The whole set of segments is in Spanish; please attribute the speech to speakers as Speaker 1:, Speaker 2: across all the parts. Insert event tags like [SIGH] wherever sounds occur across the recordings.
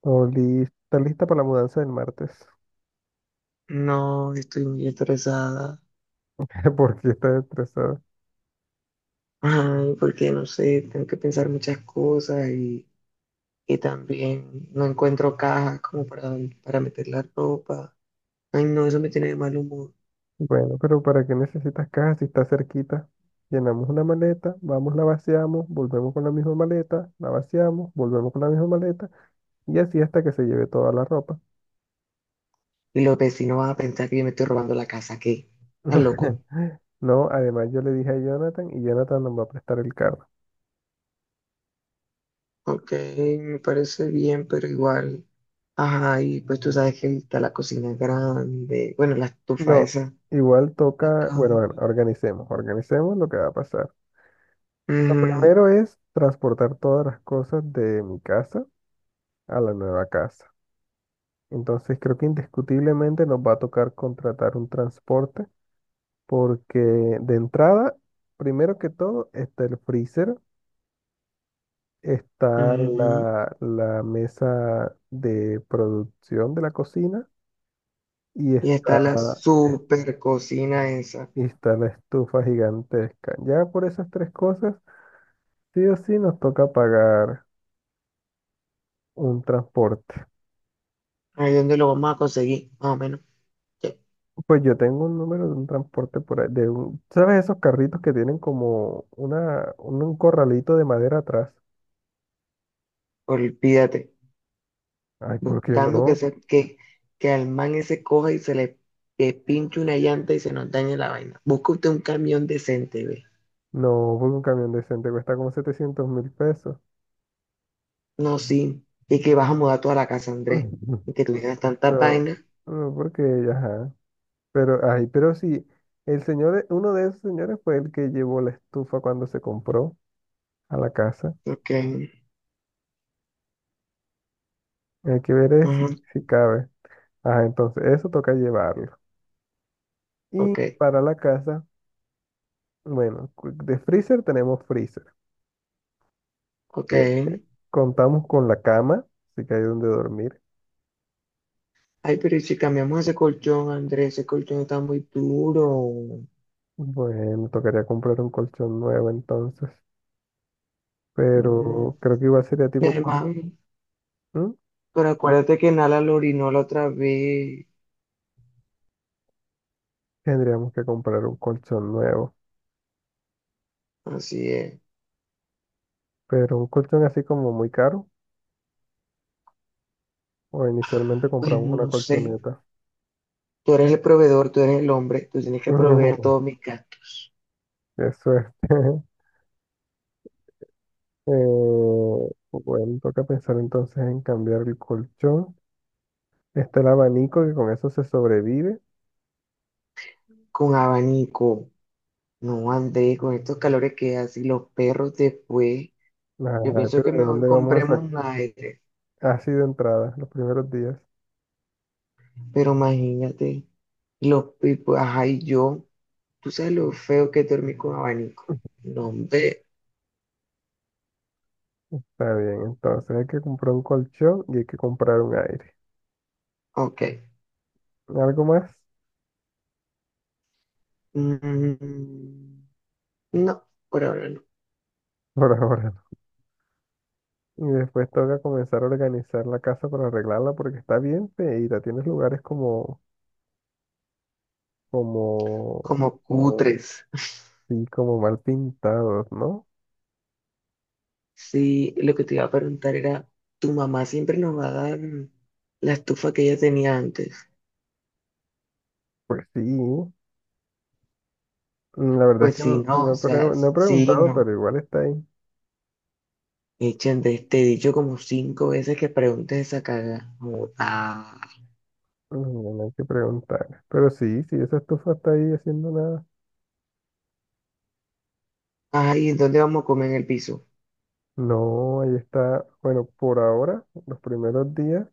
Speaker 1: Todo está lista para la mudanza del martes.
Speaker 2: No, estoy muy estresada.
Speaker 1: [LAUGHS] Porque estás estresada.
Speaker 2: [LAUGHS] Ay, porque no sé, tengo que pensar muchas cosas y también no encuentro cajas como para meter la ropa. Ay, no, eso me tiene de mal humor.
Speaker 1: Bueno, pero ¿para qué necesitas caja si está cerquita? Llenamos una maleta, vamos, la vaciamos, volvemos con la misma maleta, la vaciamos, volvemos con la misma maleta y así hasta que se lleve toda la ropa.
Speaker 2: Y los vecinos van a pensar que yo me estoy robando la casa, ¿qué? ¿Estás loco?
Speaker 1: [LAUGHS] No, además yo le dije a Jonathan y Jonathan nos va a prestar el carro.
Speaker 2: Ok, me parece bien, pero igual. Ajá, y pues tú sabes que está la cocina grande, bueno, la estufa
Speaker 1: No,
Speaker 2: esa,
Speaker 1: igual
Speaker 2: la
Speaker 1: toca, bueno,
Speaker 2: cama.
Speaker 1: bueno, organicemos, organicemos lo que va a pasar. Lo
Speaker 2: Ujú,
Speaker 1: primero es transportar todas las cosas de mi casa a la nueva casa. Entonces creo que indiscutiblemente nos va a tocar contratar un transporte porque de entrada, primero que todo, está el freezer, está
Speaker 2: ujú.
Speaker 1: la mesa de producción de la cocina y
Speaker 2: Y está la
Speaker 1: está,
Speaker 2: super cocina esa.
Speaker 1: y está la estufa gigantesca. Ya por esas tres cosas, sí o sí nos toca pagar un transporte.
Speaker 2: Ahí donde lo vamos a conseguir, más o menos. Ya,
Speaker 1: Pues yo tengo un número de un transporte por ahí, ¿sabes esos carritos que tienen como una, un corralito de madera atrás?
Speaker 2: olvídate,
Speaker 1: Ay, ¿por qué
Speaker 2: buscando que,
Speaker 1: no?
Speaker 2: se, que al man ese coja y se le que pinche una llanta y se nos dañe la vaina. Busca usted un camión decente, ve.
Speaker 1: No, porque un camión decente cuesta como $700.000.
Speaker 2: No, sí. Y que vas a mudar toda la casa, Andrés.
Speaker 1: [LAUGHS]
Speaker 2: Y que tuvieras tantas
Speaker 1: No,
Speaker 2: vainas.
Speaker 1: no, porque ella, ajá. Pero, ay, pero sí, el señor, uno de esos señores fue el que llevó la estufa cuando se compró a la casa.
Speaker 2: Ok,
Speaker 1: Hay que ver es si,
Speaker 2: ujú,
Speaker 1: si cabe. Ajá, entonces, eso toca llevarlo. Y
Speaker 2: ok,
Speaker 1: para la casa, bueno, de freezer tenemos freezer.
Speaker 2: ok.
Speaker 1: Eh, Contamos con la cama, así que hay donde dormir.
Speaker 2: Ay, pero ¿y si cambiamos ese colchón, Andrés? Ese colchón está muy duro.
Speaker 1: Bueno, tocaría comprar un colchón nuevo entonces,
Speaker 2: Mm,
Speaker 1: pero creo que igual sería
Speaker 2: Mi
Speaker 1: tipo
Speaker 2: hermano,
Speaker 1: colchón.
Speaker 2: pero acuérdate que Nala lo orinó la otra vez.
Speaker 1: Tendríamos que comprar un colchón nuevo,
Speaker 2: Así es.
Speaker 1: pero un colchón así como muy caro, o inicialmente
Speaker 2: Pues
Speaker 1: compramos una
Speaker 2: no sé,
Speaker 1: colchoneta.
Speaker 2: tú eres el proveedor, tú eres el hombre, tú tienes que proveer
Speaker 1: [LAUGHS]
Speaker 2: todo mi gato
Speaker 1: Qué suerte. [LAUGHS] Bueno, toca pensar entonces en cambiar el colchón. Está el abanico que con eso se sobrevive.
Speaker 2: con abanico. No andé con estos calores que hace los perros después. Yo
Speaker 1: Ajá,
Speaker 2: pienso
Speaker 1: pero
Speaker 2: que
Speaker 1: ¿de
Speaker 2: mejor
Speaker 1: dónde vamos a sacar?
Speaker 2: compremos un aire,
Speaker 1: Así de entrada, los primeros días.
Speaker 2: pero imagínate, los pipos, ajá, y yo, tú sabes lo feo que es dormir con abanico. No, hombre,
Speaker 1: Está bien, entonces hay que comprar un colchón y hay que comprar un aire.
Speaker 2: ok.
Speaker 1: ¿Algo más?
Speaker 2: Mm, no, por ahora no.
Speaker 1: Por ahora. Y después toca comenzar a organizar la casa para arreglarla porque está bien feita, tienes lugares como, como,
Speaker 2: Como oh, cutres.
Speaker 1: sí, como mal pintados, ¿no?
Speaker 2: Sí, lo que te iba a preguntar era, ¿tu mamá siempre nos va a dar la estufa que ella tenía antes?
Speaker 1: Pues sí. Mm, la verdad es
Speaker 2: Pues
Speaker 1: que
Speaker 2: sí,
Speaker 1: no,
Speaker 2: no, o sea,
Speaker 1: no he
Speaker 2: sí,
Speaker 1: preguntado,
Speaker 2: no.
Speaker 1: pero igual está ahí.
Speaker 2: Echen de este dicho como 5 veces que preguntes esa caga. Como, ah,
Speaker 1: Mm, no hay que preguntar. Pero sí, sí, esa estufa está ahí haciendo nada.
Speaker 2: ay, ¿dónde vamos a comer en el piso?
Speaker 1: No, ahí está. Bueno, por ahora, los primeros días,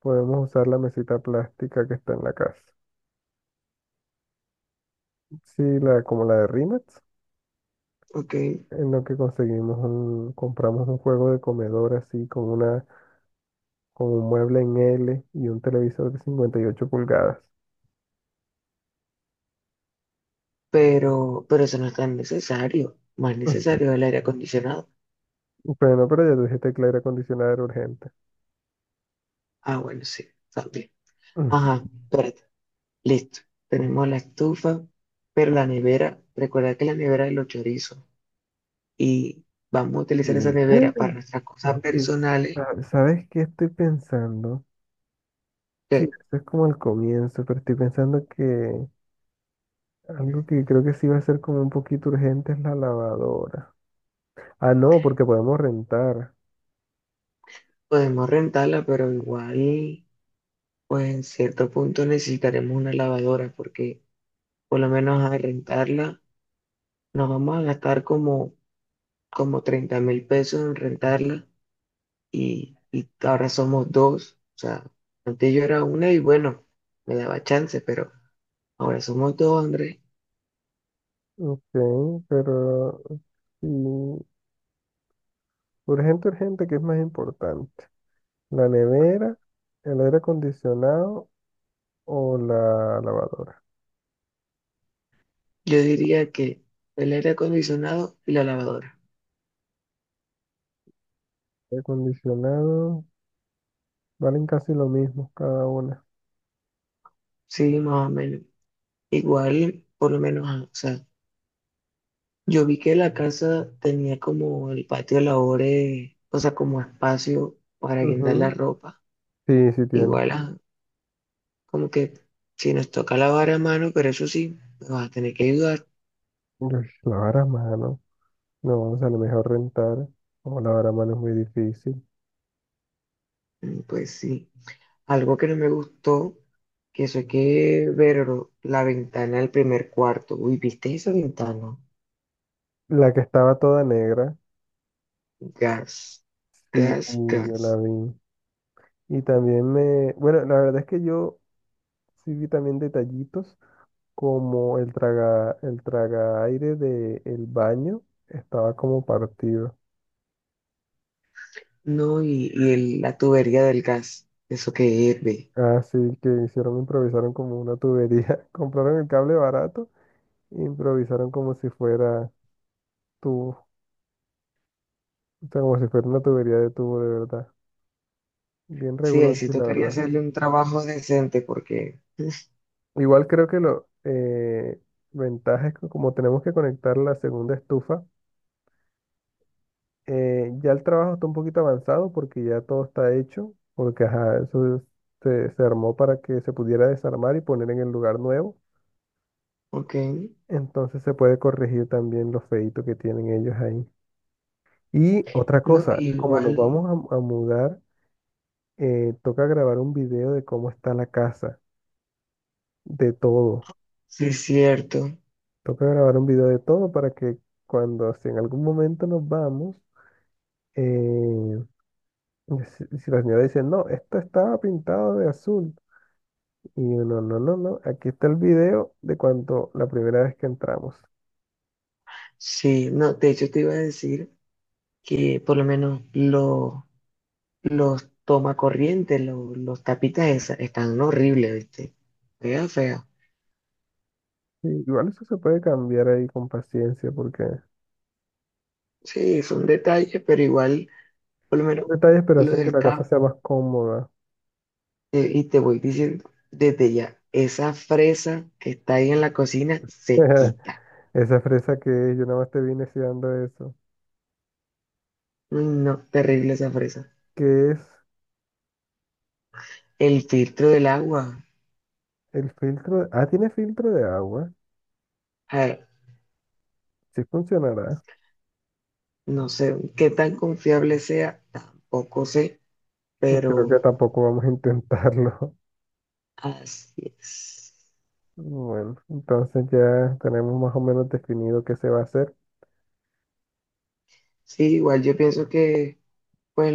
Speaker 1: podemos usar la mesita plástica que está en la casa. Sí, la, como la de Rimax,
Speaker 2: Ok,
Speaker 1: en lo que compramos un juego de comedor así con una, con un mueble en L y un televisor de 58 pulgadas.
Speaker 2: pero eso no es tan necesario. Más necesario
Speaker 1: [LAUGHS]
Speaker 2: es el aire acondicionado.
Speaker 1: Ujú. Bueno, pero ya te dije tecla aire acondicionado era urgente.
Speaker 2: Ah, bueno, sí, también. Ajá,
Speaker 1: [LAUGHS]
Speaker 2: espérate, listo. Tenemos la estufa, pero la nevera, recuerda que la nevera es los chorizos. Y vamos a utilizar esa
Speaker 1: Ujú. Y-
Speaker 2: nevera para
Speaker 1: [GASPS]
Speaker 2: nuestras cosas
Speaker 1: Oye,
Speaker 2: personales,
Speaker 1: ¿sabes qué estoy pensando? Sí,
Speaker 2: que
Speaker 1: esto es como el comienzo, pero estoy pensando que algo que creo que sí va a ser como un poquito urgente es la lavadora. Ah, no, porque podemos rentar.
Speaker 2: podemos rentarla, pero igual, pues en cierto punto necesitaremos una lavadora, porque por lo menos a rentarla nos vamos a gastar como, como 30.000 pesos en rentarla y ahora somos dos, o sea, antes yo era una y bueno, me daba chance, pero ahora somos dos, Andrés.
Speaker 1: Ok, pero sí, urgente, urgente, ¿qué es más importante? ¿La nevera, el aire acondicionado o la lavadora?
Speaker 2: Yo diría que el aire acondicionado y la lavadora.
Speaker 1: Aire acondicionado, valen casi lo mismo cada una.
Speaker 2: Sí, más o menos. Igual, por lo menos, ah, o sea, yo vi que la casa tenía como el patio de labores, o sea, como espacio para guindar la
Speaker 1: Ujú.
Speaker 2: ropa.
Speaker 1: Sí, sí tiene.
Speaker 2: Igual, ah, como que si nos toca lavar a mano, pero eso sí, me vas a tener que ayudar.
Speaker 1: Uy, lavar a mano. No, o sea, a lo mejor rentar o lavar a mano es muy difícil.
Speaker 2: Pues sí. Algo que no me gustó, que eso hay que ver la ventana del primer cuarto. Uy, ¿viste esa ventana?
Speaker 1: La que estaba toda negra,
Speaker 2: Gas,
Speaker 1: sí,
Speaker 2: gas,
Speaker 1: yo la
Speaker 2: gas.
Speaker 1: vi. Y también me... Bueno, la verdad es que yo sí vi también detallitos como el traga aire del baño estaba como partido.
Speaker 2: No, y el- la tubería del gas, eso que hierve.
Speaker 1: Así que hicieron, improvisaron como una tubería. [LAUGHS] Compraron el cable barato e improvisaron como si fuera tubo. O sea, como si fuera una tubería de tubo de verdad. Bien
Speaker 2: Sí, ahí sí
Speaker 1: reguloncho, la
Speaker 2: tocaría
Speaker 1: verdad.
Speaker 2: hacerle un trabajo decente porque,
Speaker 1: Igual creo que lo ventaja es que como tenemos que conectar la segunda estufa. Ya el trabajo está un poquito avanzado porque ya todo está hecho, porque ajá, se, se armó para que se pudiera desarmar y poner en el lugar nuevo.
Speaker 2: ok,
Speaker 1: Entonces se puede corregir también los feitos que tienen ellos ahí. Y otra
Speaker 2: no,
Speaker 1: cosa, como nos
Speaker 2: igual,
Speaker 1: vamos a mudar, toca grabar un video de cómo está la casa, de todo.
Speaker 2: sí es cierto.
Speaker 1: Toca grabar un video de todo para que cuando, si en algún momento nos vamos, eh, si, si la señora dice, no, esto estaba pintado de azul. Y yo, no, no, no, no. Aquí está el video de cuando la primera vez que entramos.
Speaker 2: Sí, no, de hecho te iba a decir que por lo menos lo- los tomacorrientes, lo- los tapitas esas, están horribles, ¿viste? Fea, fea.
Speaker 1: Sí, igual eso se puede cambiar ahí con paciencia porque
Speaker 2: Sí, son detalles, pero igual, por lo
Speaker 1: son
Speaker 2: menos
Speaker 1: detalles, pero
Speaker 2: lo
Speaker 1: hacen que
Speaker 2: del
Speaker 1: la casa
Speaker 2: cap,
Speaker 1: sea más cómoda.
Speaker 2: y te voy diciendo desde ya, esa fresa que está ahí en la cocina se
Speaker 1: [LAUGHS]
Speaker 2: quita.
Speaker 1: Esa fresa que es, yo nada más te vine dando eso.
Speaker 2: Uy, no, terrible esa fresa.
Speaker 1: ¿Qué es
Speaker 2: El filtro del agua,
Speaker 1: el filtro? Ah, tiene filtro de agua.
Speaker 2: a
Speaker 1: Sí funcionará.
Speaker 2: no sé qué tan confiable sea, tampoco sé,
Speaker 1: Y creo
Speaker 2: pero
Speaker 1: que tampoco vamos a intentarlo. [LAUGHS]
Speaker 2: así es.
Speaker 1: Bueno, entonces ya tenemos más o menos definido qué se va a hacer.
Speaker 2: Sí, igual yo pienso que pues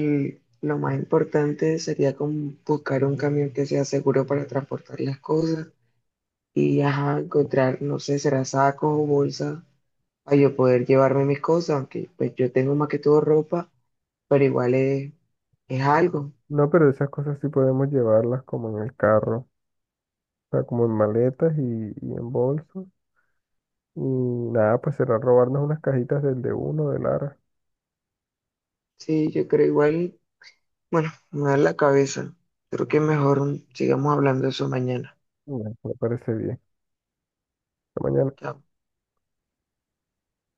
Speaker 2: lo más importante sería como buscar un camión que sea seguro para transportar las cosas y ajá, encontrar, no sé, será sacos o bolsas para yo poder llevarme mis cosas, aunque pues yo tengo más que todo ropa, pero igual es algo.
Speaker 1: No, pero esas cosas sí podemos llevarlas como en el carro. O sea, como en maletas y en bolsos. Y nada, pues será robarnos unas cajitas del de uno, de Lara.
Speaker 2: Sí, yo creo igual. Bueno, me da la cabeza. Creo que mejor sigamos hablando de eso mañana.
Speaker 1: Bueno, me parece bien. Hasta mañana.
Speaker 2: Chao.